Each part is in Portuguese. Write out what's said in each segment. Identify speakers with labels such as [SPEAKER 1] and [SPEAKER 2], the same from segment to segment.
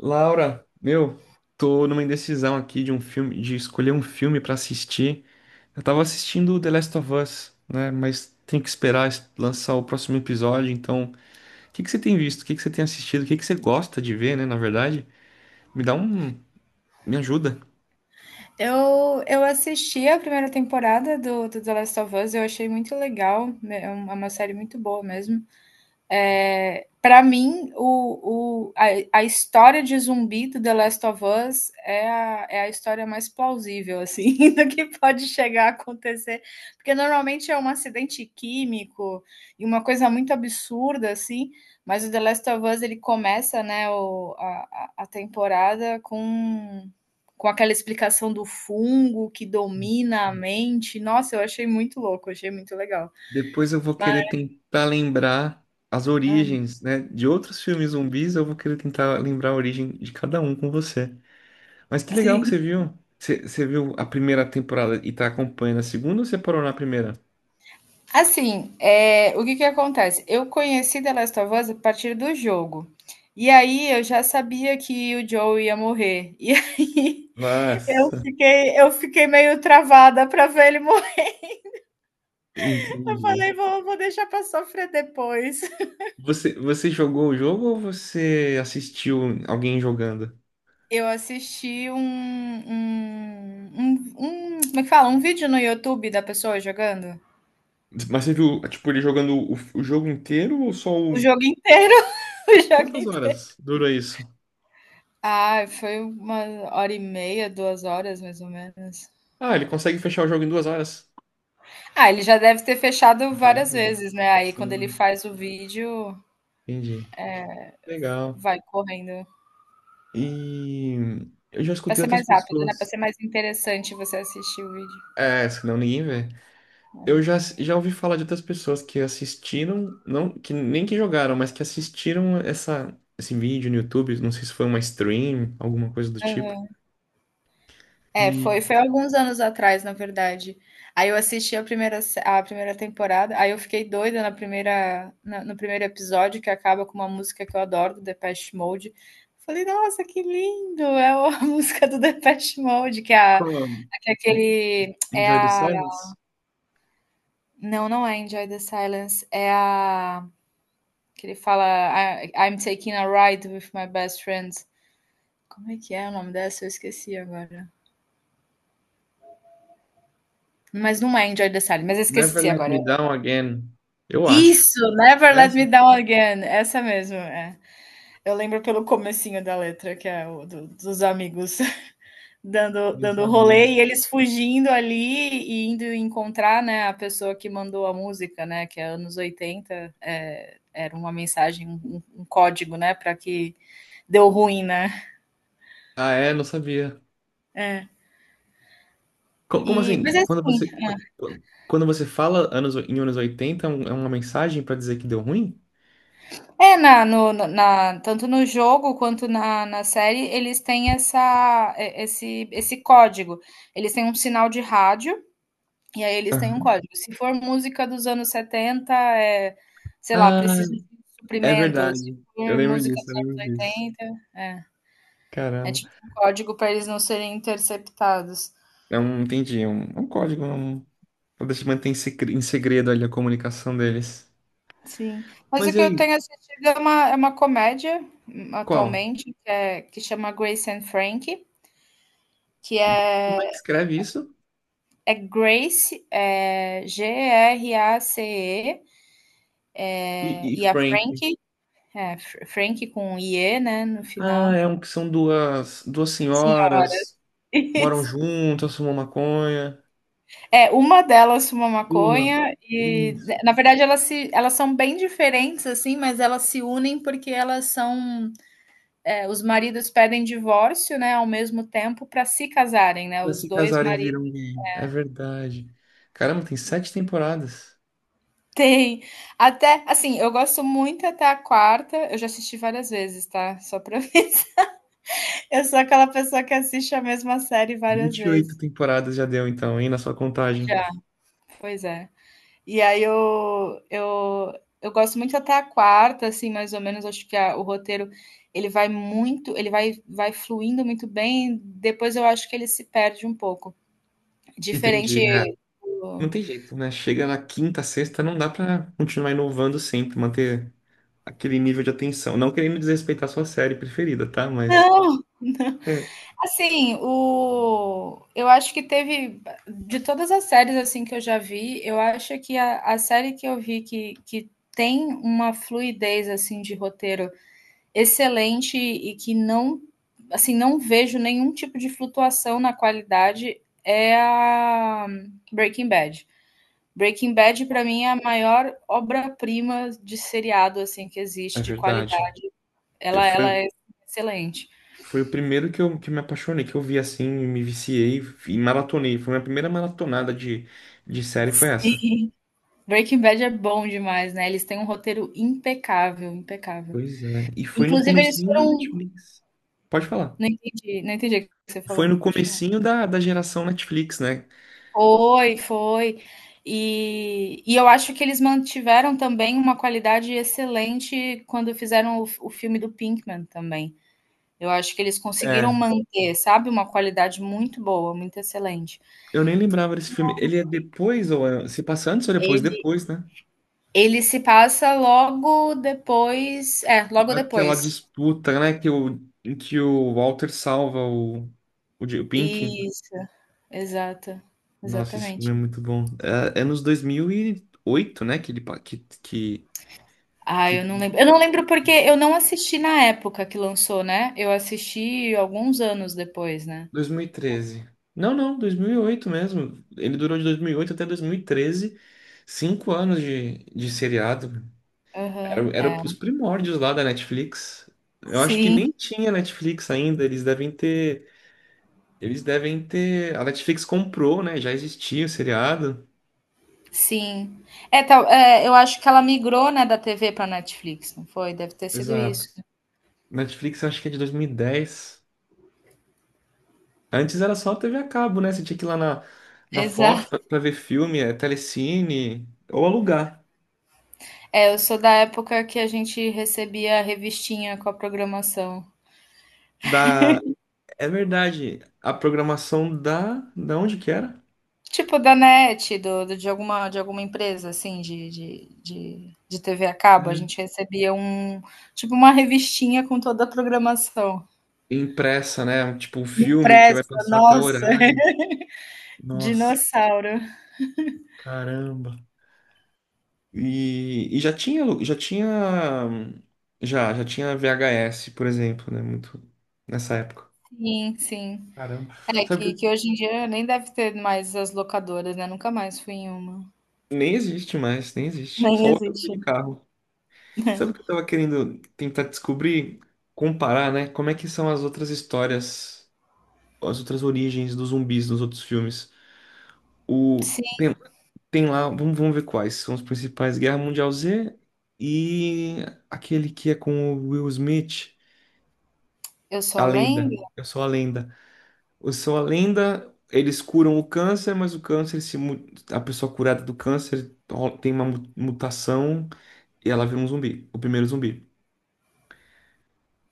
[SPEAKER 1] Laura, meu, tô numa indecisão aqui de um filme, de escolher um filme pra assistir. Eu tava assistindo The Last of Us, né? Mas tem que esperar lançar o próximo episódio. Então, o que que você tem visto? O que que você tem assistido? O que que você gosta de ver, né? Na verdade, me dá um, me ajuda.
[SPEAKER 2] Eu assisti a primeira temporada do The Last of Us, eu achei muito legal, né, é uma série muito boa mesmo. Para mim, a história de zumbi do The Last of Us é a história mais plausível, assim, do que pode chegar a acontecer. Porque normalmente é um acidente químico e uma coisa muito absurda, assim, mas o The Last of Us ele começa, né, a temporada com aquela explicação do fungo que domina a mente. Nossa, eu achei muito louco, achei muito legal.
[SPEAKER 1] Depois eu vou
[SPEAKER 2] Mas,
[SPEAKER 1] querer tentar lembrar as origens, né? De outros filmes zumbis, eu vou querer tentar lembrar a origem de cada um com você. Mas que legal que você
[SPEAKER 2] sim.
[SPEAKER 1] viu. Você viu a primeira temporada e tá acompanhando a segunda ou você parou na primeira?
[SPEAKER 2] Assim, o que que acontece? Eu conheci The Last of Us a partir do jogo. E aí eu já sabia que o Joel ia morrer. E aí eu
[SPEAKER 1] Nossa,
[SPEAKER 2] fiquei eu fiquei meio travada para ver ele morrer. Eu
[SPEAKER 1] entendi.
[SPEAKER 2] falei: "Vou deixar para sofrer depois".
[SPEAKER 1] Você jogou o jogo ou você assistiu alguém jogando?
[SPEAKER 2] Eu assisti um, como é que fala? Um vídeo no YouTube da pessoa jogando.
[SPEAKER 1] Mas você viu, tipo, ele jogando o jogo inteiro ou só
[SPEAKER 2] O
[SPEAKER 1] o...
[SPEAKER 2] jogo inteiro, o jogo
[SPEAKER 1] Quantas
[SPEAKER 2] inteiro.
[SPEAKER 1] horas durou isso?
[SPEAKER 2] Ah, foi 1 hora e meia, 2 horas mais ou menos.
[SPEAKER 1] Ah, ele consegue fechar o jogo em 2 horas?
[SPEAKER 2] Ah, ele já deve ter fechado
[SPEAKER 1] Várias
[SPEAKER 2] várias
[SPEAKER 1] vezes.
[SPEAKER 2] vezes, né, aí quando ele
[SPEAKER 1] Sim,
[SPEAKER 2] faz o vídeo,
[SPEAKER 1] entendi. Legal.
[SPEAKER 2] vai correndo.
[SPEAKER 1] E eu já
[SPEAKER 2] Pra
[SPEAKER 1] escutei
[SPEAKER 2] ser
[SPEAKER 1] outras
[SPEAKER 2] mais rápido, né, pra
[SPEAKER 1] pessoas.
[SPEAKER 2] ser mais interessante você assistir o vídeo.
[SPEAKER 1] É, senão ninguém vê. Eu já ouvi falar de outras pessoas que assistiram, não, que nem que jogaram, mas que assistiram esse vídeo no YouTube, não sei se foi uma stream, alguma coisa do tipo.
[SPEAKER 2] Aham. É,
[SPEAKER 1] E
[SPEAKER 2] foi alguns anos atrás, na verdade. Aí eu assisti a primeira se a primeira temporada, aí eu fiquei doida na primeira na no primeiro episódio, que acaba com uma música que eu adoro, do Depeche Mode. Falei: "Nossa, que lindo!" É a música do Depeche Mode,
[SPEAKER 1] como?
[SPEAKER 2] que é aquele é
[SPEAKER 1] Enjoy the
[SPEAKER 2] a
[SPEAKER 1] Silence?
[SPEAKER 2] Não, não é Enjoy the Silence, é a que ele fala: "I'm taking a ride with my best friend". Como é que é o nome dessa? Eu esqueci agora. Mas não é Enjoy the Silence, mas eu
[SPEAKER 1] Never
[SPEAKER 2] esqueci
[SPEAKER 1] Let
[SPEAKER 2] agora.
[SPEAKER 1] Me Down Again. Eu acho.
[SPEAKER 2] Isso, Never Let
[SPEAKER 1] Essa?
[SPEAKER 2] Me Down Again, essa mesmo, é. Eu lembro pelo comecinho da letra, que é dos amigos dando,
[SPEAKER 1] Não
[SPEAKER 2] dando
[SPEAKER 1] sabia.
[SPEAKER 2] rolê e eles fugindo ali e indo encontrar, né, a pessoa que mandou a música, né, que é anos 80. Era uma mensagem, um código, né, para que deu ruim, né?
[SPEAKER 1] Ah, é? Não sabia.
[SPEAKER 2] É.
[SPEAKER 1] Como
[SPEAKER 2] Mas
[SPEAKER 1] assim? Quando
[SPEAKER 2] assim,
[SPEAKER 1] você, quando, quando você fala anos, em anos 80 é uma mensagem pra dizer que deu ruim?
[SPEAKER 2] na, no, na, tanto no jogo quanto na série, eles têm essa, esse código. Eles têm um sinal de rádio e aí eles têm um
[SPEAKER 1] Aham.
[SPEAKER 2] código. Se for música dos anos 70, é, sei lá,
[SPEAKER 1] Ah,
[SPEAKER 2] preciso de
[SPEAKER 1] é
[SPEAKER 2] suprimento. Se
[SPEAKER 1] verdade. Eu
[SPEAKER 2] for
[SPEAKER 1] lembro
[SPEAKER 2] música
[SPEAKER 1] disso, eu
[SPEAKER 2] dos anos
[SPEAKER 1] lembro disso.
[SPEAKER 2] oitenta é, é
[SPEAKER 1] Caramba.
[SPEAKER 2] tipo um código para eles não serem interceptados.
[SPEAKER 1] Entendi, é um código, pra deixar manter em segredo ali a comunicação deles.
[SPEAKER 2] Sim. Mas
[SPEAKER 1] Mas
[SPEAKER 2] o
[SPEAKER 1] e
[SPEAKER 2] que eu
[SPEAKER 1] aí,
[SPEAKER 2] tenho assistido é uma comédia,
[SPEAKER 1] qual?
[SPEAKER 2] atualmente, que é que chama Grace and Frankie, que
[SPEAKER 1] Como é que
[SPEAKER 2] é
[SPEAKER 1] escreve isso?
[SPEAKER 2] é Grace, é Grace,
[SPEAKER 1] E
[SPEAKER 2] e a
[SPEAKER 1] Frank?
[SPEAKER 2] Frankie é, Frankie com i-e, né, no
[SPEAKER 1] Ah,
[SPEAKER 2] final.
[SPEAKER 1] é um que são duas
[SPEAKER 2] Senhoras,
[SPEAKER 1] senhoras, moram
[SPEAKER 2] isso.
[SPEAKER 1] juntas, fumam maconha.
[SPEAKER 2] É, uma delas fuma
[SPEAKER 1] Uma,
[SPEAKER 2] maconha e,
[SPEAKER 1] isso.
[SPEAKER 2] na verdade, elas se elas são bem diferentes, assim, mas elas se unem porque elas são, os maridos pedem divórcio, né, ao mesmo tempo para se casarem, né?
[SPEAKER 1] Pra
[SPEAKER 2] Os
[SPEAKER 1] se
[SPEAKER 2] dois
[SPEAKER 1] casarem
[SPEAKER 2] maridos
[SPEAKER 1] viram gay. É verdade. Caramba, tem sete temporadas.
[SPEAKER 2] têm, até, assim, eu gosto muito até a quarta. Eu já assisti várias vezes, tá? Só para mim. Eu sou aquela pessoa que assiste a mesma série várias
[SPEAKER 1] vinte e oito
[SPEAKER 2] vezes.
[SPEAKER 1] temporadas já deu, então, hein, na sua contagem.
[SPEAKER 2] Já, pois é. E aí eu gosto muito até a quarta, assim, mais ou menos, acho que o roteiro, ele vai muito, ele vai fluindo muito bem, depois eu acho que ele se perde um pouco. Diferente
[SPEAKER 1] Entendi. Não
[SPEAKER 2] do...
[SPEAKER 1] tem jeito, né? Chega na quinta, sexta, não dá pra continuar inovando sempre, manter aquele nível de atenção. Não querendo desrespeitar a sua série preferida, tá? Mas
[SPEAKER 2] Não,
[SPEAKER 1] é,
[SPEAKER 2] assim, o eu acho que teve, de todas as séries, assim, que eu já vi, eu acho que a série que eu vi que tem uma fluidez, assim, de roteiro excelente e que não, assim, não vejo nenhum tipo de flutuação na qualidade, é a Breaking Bad. Breaking Bad, para mim, é a maior obra-prima de seriado, assim, que
[SPEAKER 1] é
[SPEAKER 2] existe de
[SPEAKER 1] verdade.
[SPEAKER 2] qualidade.
[SPEAKER 1] Eu,
[SPEAKER 2] Ela
[SPEAKER 1] foi,
[SPEAKER 2] é excelente.
[SPEAKER 1] foi o primeiro que me apaixonei, que eu vi assim, e me viciei e maratonei. Foi a minha primeira maratonada de série, foi essa.
[SPEAKER 2] Sim. Breaking Bad é bom demais, né, eles têm um roteiro impecável, impecável.
[SPEAKER 1] Pois é. E foi no
[SPEAKER 2] Inclusive eles
[SPEAKER 1] comecinho da
[SPEAKER 2] foram,
[SPEAKER 1] Netflix. Pode falar.
[SPEAKER 2] não entendi o que você
[SPEAKER 1] Foi
[SPEAKER 2] falou,
[SPEAKER 1] no
[SPEAKER 2] pode falar.
[SPEAKER 1] comecinho da geração Netflix, né?
[SPEAKER 2] Foi, foi. E eu acho que eles mantiveram também uma qualidade excelente quando fizeram o filme do Pinkman também. Eu acho que eles conseguiram
[SPEAKER 1] É,
[SPEAKER 2] manter, sabe, uma qualidade muito boa, muito excelente.
[SPEAKER 1] eu nem lembrava desse filme. Ele é depois, se passa antes ou depois?
[SPEAKER 2] Ele
[SPEAKER 1] Depois, né?
[SPEAKER 2] ele se passa logo depois, logo
[SPEAKER 1] Daquela
[SPEAKER 2] depois.
[SPEAKER 1] disputa, né? Que o, em que o Walter salva o Pink.
[SPEAKER 2] Isso, exato,
[SPEAKER 1] Nossa, esse filme
[SPEAKER 2] exatamente.
[SPEAKER 1] é muito bom. É nos 2008, né? Que ele. Pa-
[SPEAKER 2] Ah,
[SPEAKER 1] que...
[SPEAKER 2] eu não lembro. Eu não lembro porque eu não assisti na época que lançou, né? Eu assisti alguns anos depois, né?
[SPEAKER 1] 2013. Não, não, 2008 mesmo. Ele durou de 2008 até 2013. 5 anos de seriado. Era,
[SPEAKER 2] Aham, é.
[SPEAKER 1] era os primórdios lá da Netflix. Eu acho que
[SPEAKER 2] Sim,
[SPEAKER 1] nem tinha Netflix ainda. Eles devem ter. Eles devem ter. A Netflix comprou, né? Já existia o seriado.
[SPEAKER 2] sim. É, tal, é, eu acho que ela migrou, né, da TV para Netflix, não foi? Deve ter sido
[SPEAKER 1] Exato.
[SPEAKER 2] isso.
[SPEAKER 1] Netflix eu acho que é de 2010. Antes era só TV a cabo, né? Você tinha que ir lá na Fox
[SPEAKER 2] Exato.
[SPEAKER 1] pra ver filme, é, Telecine, ou alugar.
[SPEAKER 2] É, eu sou da época que a gente recebia a revistinha com a programação.
[SPEAKER 1] Da... É verdade, a programação da... Da onde que era?
[SPEAKER 2] Tipo da NET, de alguma empresa, assim, de TV a cabo. A
[SPEAKER 1] É,
[SPEAKER 2] gente recebia um, tipo uma revistinha com toda a programação.
[SPEAKER 1] Impressa, né? Tipo, um filme que vai
[SPEAKER 2] Impressa,
[SPEAKER 1] passar a tal
[SPEAKER 2] nossa,
[SPEAKER 1] horário. Nossa,
[SPEAKER 2] dinossauro.
[SPEAKER 1] caramba. E já tinha, alu- já tinha, já, já tinha VHS, por exemplo, né? Muito nessa época.
[SPEAKER 2] Sim, sim.
[SPEAKER 1] Caramba.
[SPEAKER 2] É que,
[SPEAKER 1] Sabe.
[SPEAKER 2] que hoje em dia nem deve ter mais as locadoras, né? Nunca mais fui em uma.
[SPEAKER 1] Nem existe mais, nem existe. Só
[SPEAKER 2] Nem
[SPEAKER 1] locadora
[SPEAKER 2] existe.
[SPEAKER 1] de carro. Sabe o que eu tava querendo tentar descobrir, comparar, né? Como é que são as outras histórias, as outras origens dos zumbis nos outros filmes? O
[SPEAKER 2] Sim,
[SPEAKER 1] Tem lá, vamos ver quais são os principais: Guerra Mundial Z e aquele que é com o Will Smith,
[SPEAKER 2] eu
[SPEAKER 1] A
[SPEAKER 2] só
[SPEAKER 1] Lenda.
[SPEAKER 2] lembro.
[SPEAKER 1] Eu sou a Lenda. Eu sou a Lenda. Eles curam o câncer, mas o câncer, se, mu- a pessoa curada do câncer tem uma mutação. E ela vira um zumbi, o primeiro zumbi.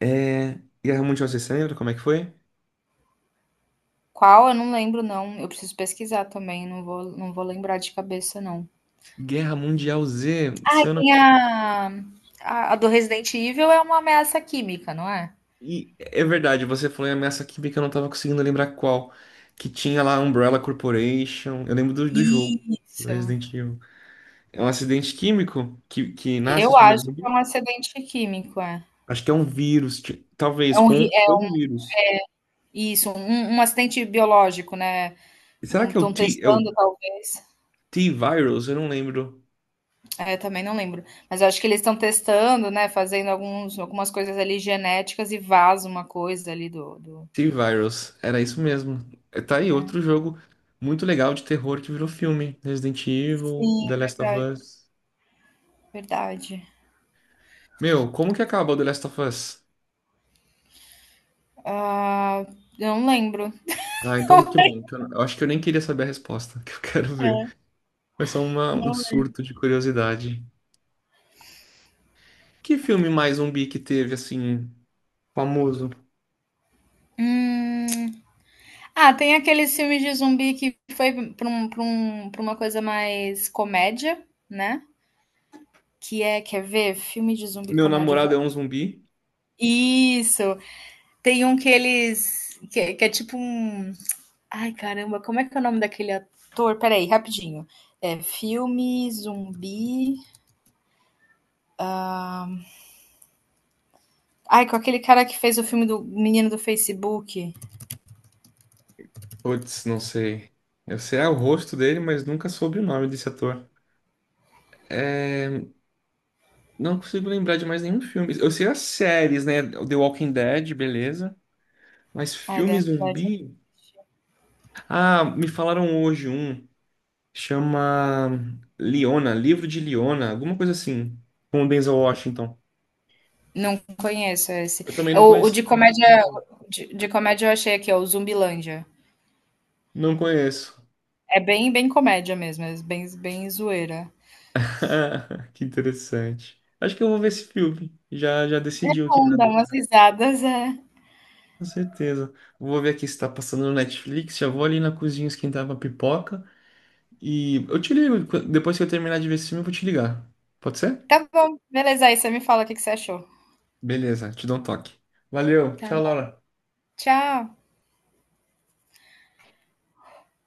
[SPEAKER 1] É... Guerra Mundial Z, você lembra como é que foi?
[SPEAKER 2] Qual? Eu não lembro, não. Eu preciso pesquisar também, não vou lembrar de cabeça, não.
[SPEAKER 1] Guerra Mundial Z, se eu não.
[SPEAKER 2] Tem a do Resident Evil, é uma ameaça química, não é?
[SPEAKER 1] E é verdade, você falou em ameaça química, eu não tava conseguindo lembrar qual. Que tinha lá a Umbrella Corporation. Eu lembro do jogo, do
[SPEAKER 2] Isso.
[SPEAKER 1] Resident Evil. É um acidente químico que nasce
[SPEAKER 2] Eu
[SPEAKER 1] os
[SPEAKER 2] acho
[SPEAKER 1] primeiros
[SPEAKER 2] que
[SPEAKER 1] zumbis?
[SPEAKER 2] é um acidente químico, é.
[SPEAKER 1] Acho que é um vírus, talvez, com
[SPEAKER 2] É
[SPEAKER 1] ou um vírus.
[SPEAKER 2] isso, um acidente biológico, né?
[SPEAKER 1] E será que é o
[SPEAKER 2] Estão testando, talvez.
[SPEAKER 1] T-Virus? Eu não lembro.
[SPEAKER 2] É, também não lembro. Mas eu acho que eles estão testando, né, fazendo alguns algumas coisas ali genéticas e vaza uma coisa ali do.
[SPEAKER 1] T-Virus, era isso mesmo. É, tá aí outro jogo muito legal de terror que virou filme. Resident Evil,
[SPEAKER 2] Sim,
[SPEAKER 1] The Last of
[SPEAKER 2] verdade,
[SPEAKER 1] Us.
[SPEAKER 2] verdade.
[SPEAKER 1] Meu, como que acaba o The Last of Us?
[SPEAKER 2] Ah, eu não lembro.
[SPEAKER 1] Ah, então que bom. Que eu acho que eu nem queria saber a resposta, que eu quero ver.
[SPEAKER 2] É,
[SPEAKER 1] Foi só
[SPEAKER 2] não
[SPEAKER 1] um
[SPEAKER 2] é.
[SPEAKER 1] surto de curiosidade. Que filme mais zumbi que teve, assim, famoso?
[SPEAKER 2] Hum. Ah, tem aqueles filmes de zumbi que foi pra uma coisa mais comédia, né, quer ver? Filme de zumbi
[SPEAKER 1] Meu
[SPEAKER 2] comédia, eu
[SPEAKER 1] namorado
[SPEAKER 2] vou.
[SPEAKER 1] é um zumbi?
[SPEAKER 2] Isso. Tem um que eles, que é tipo um. Ai, caramba, como é que é o nome daquele ator? Peraí, rapidinho. É filme, zumbi. Ai, com aquele cara que fez o filme do menino do Facebook.
[SPEAKER 1] Putz, não sei. Eu sei o rosto dele, mas nunca soube o nome desse ator. É. Não consigo lembrar de mais nenhum filme. Eu sei as séries, né? The Walking Dead, beleza. Mas
[SPEAKER 2] Ai, da
[SPEAKER 1] filme
[SPEAKER 2] verdade.
[SPEAKER 1] zumbi. Ah, me falaram hoje um. Chama Leona, Livro de Leona, alguma coisa assim. Com o Denzel Washington.
[SPEAKER 2] Não conheço esse.
[SPEAKER 1] Eu também
[SPEAKER 2] É
[SPEAKER 1] não
[SPEAKER 2] O, o de
[SPEAKER 1] conhecia.
[SPEAKER 2] comédia. De comédia eu achei aqui, ó, o Zumbilândia.
[SPEAKER 1] Não conheço.
[SPEAKER 2] É bem, bem comédia mesmo, é bem, bem zoeira.
[SPEAKER 1] Que interessante. Acho que eu vou ver esse filme. Já
[SPEAKER 2] É
[SPEAKER 1] decidiu aqui na
[SPEAKER 2] bom, dá umas
[SPEAKER 1] dúvida.
[SPEAKER 2] risadas, é.
[SPEAKER 1] Com certeza. Vou ver aqui se tá passando no Netflix. Já vou ali na cozinha esquentar uma pipoca. E eu te ligo, depois que eu terminar de ver esse filme, eu vou te ligar. Pode ser?
[SPEAKER 2] Tá bom, beleza. Aí você me fala o que que você achou.
[SPEAKER 1] Beleza, te dou um toque. Valeu, tchau, Laura.
[SPEAKER 2] Tchau.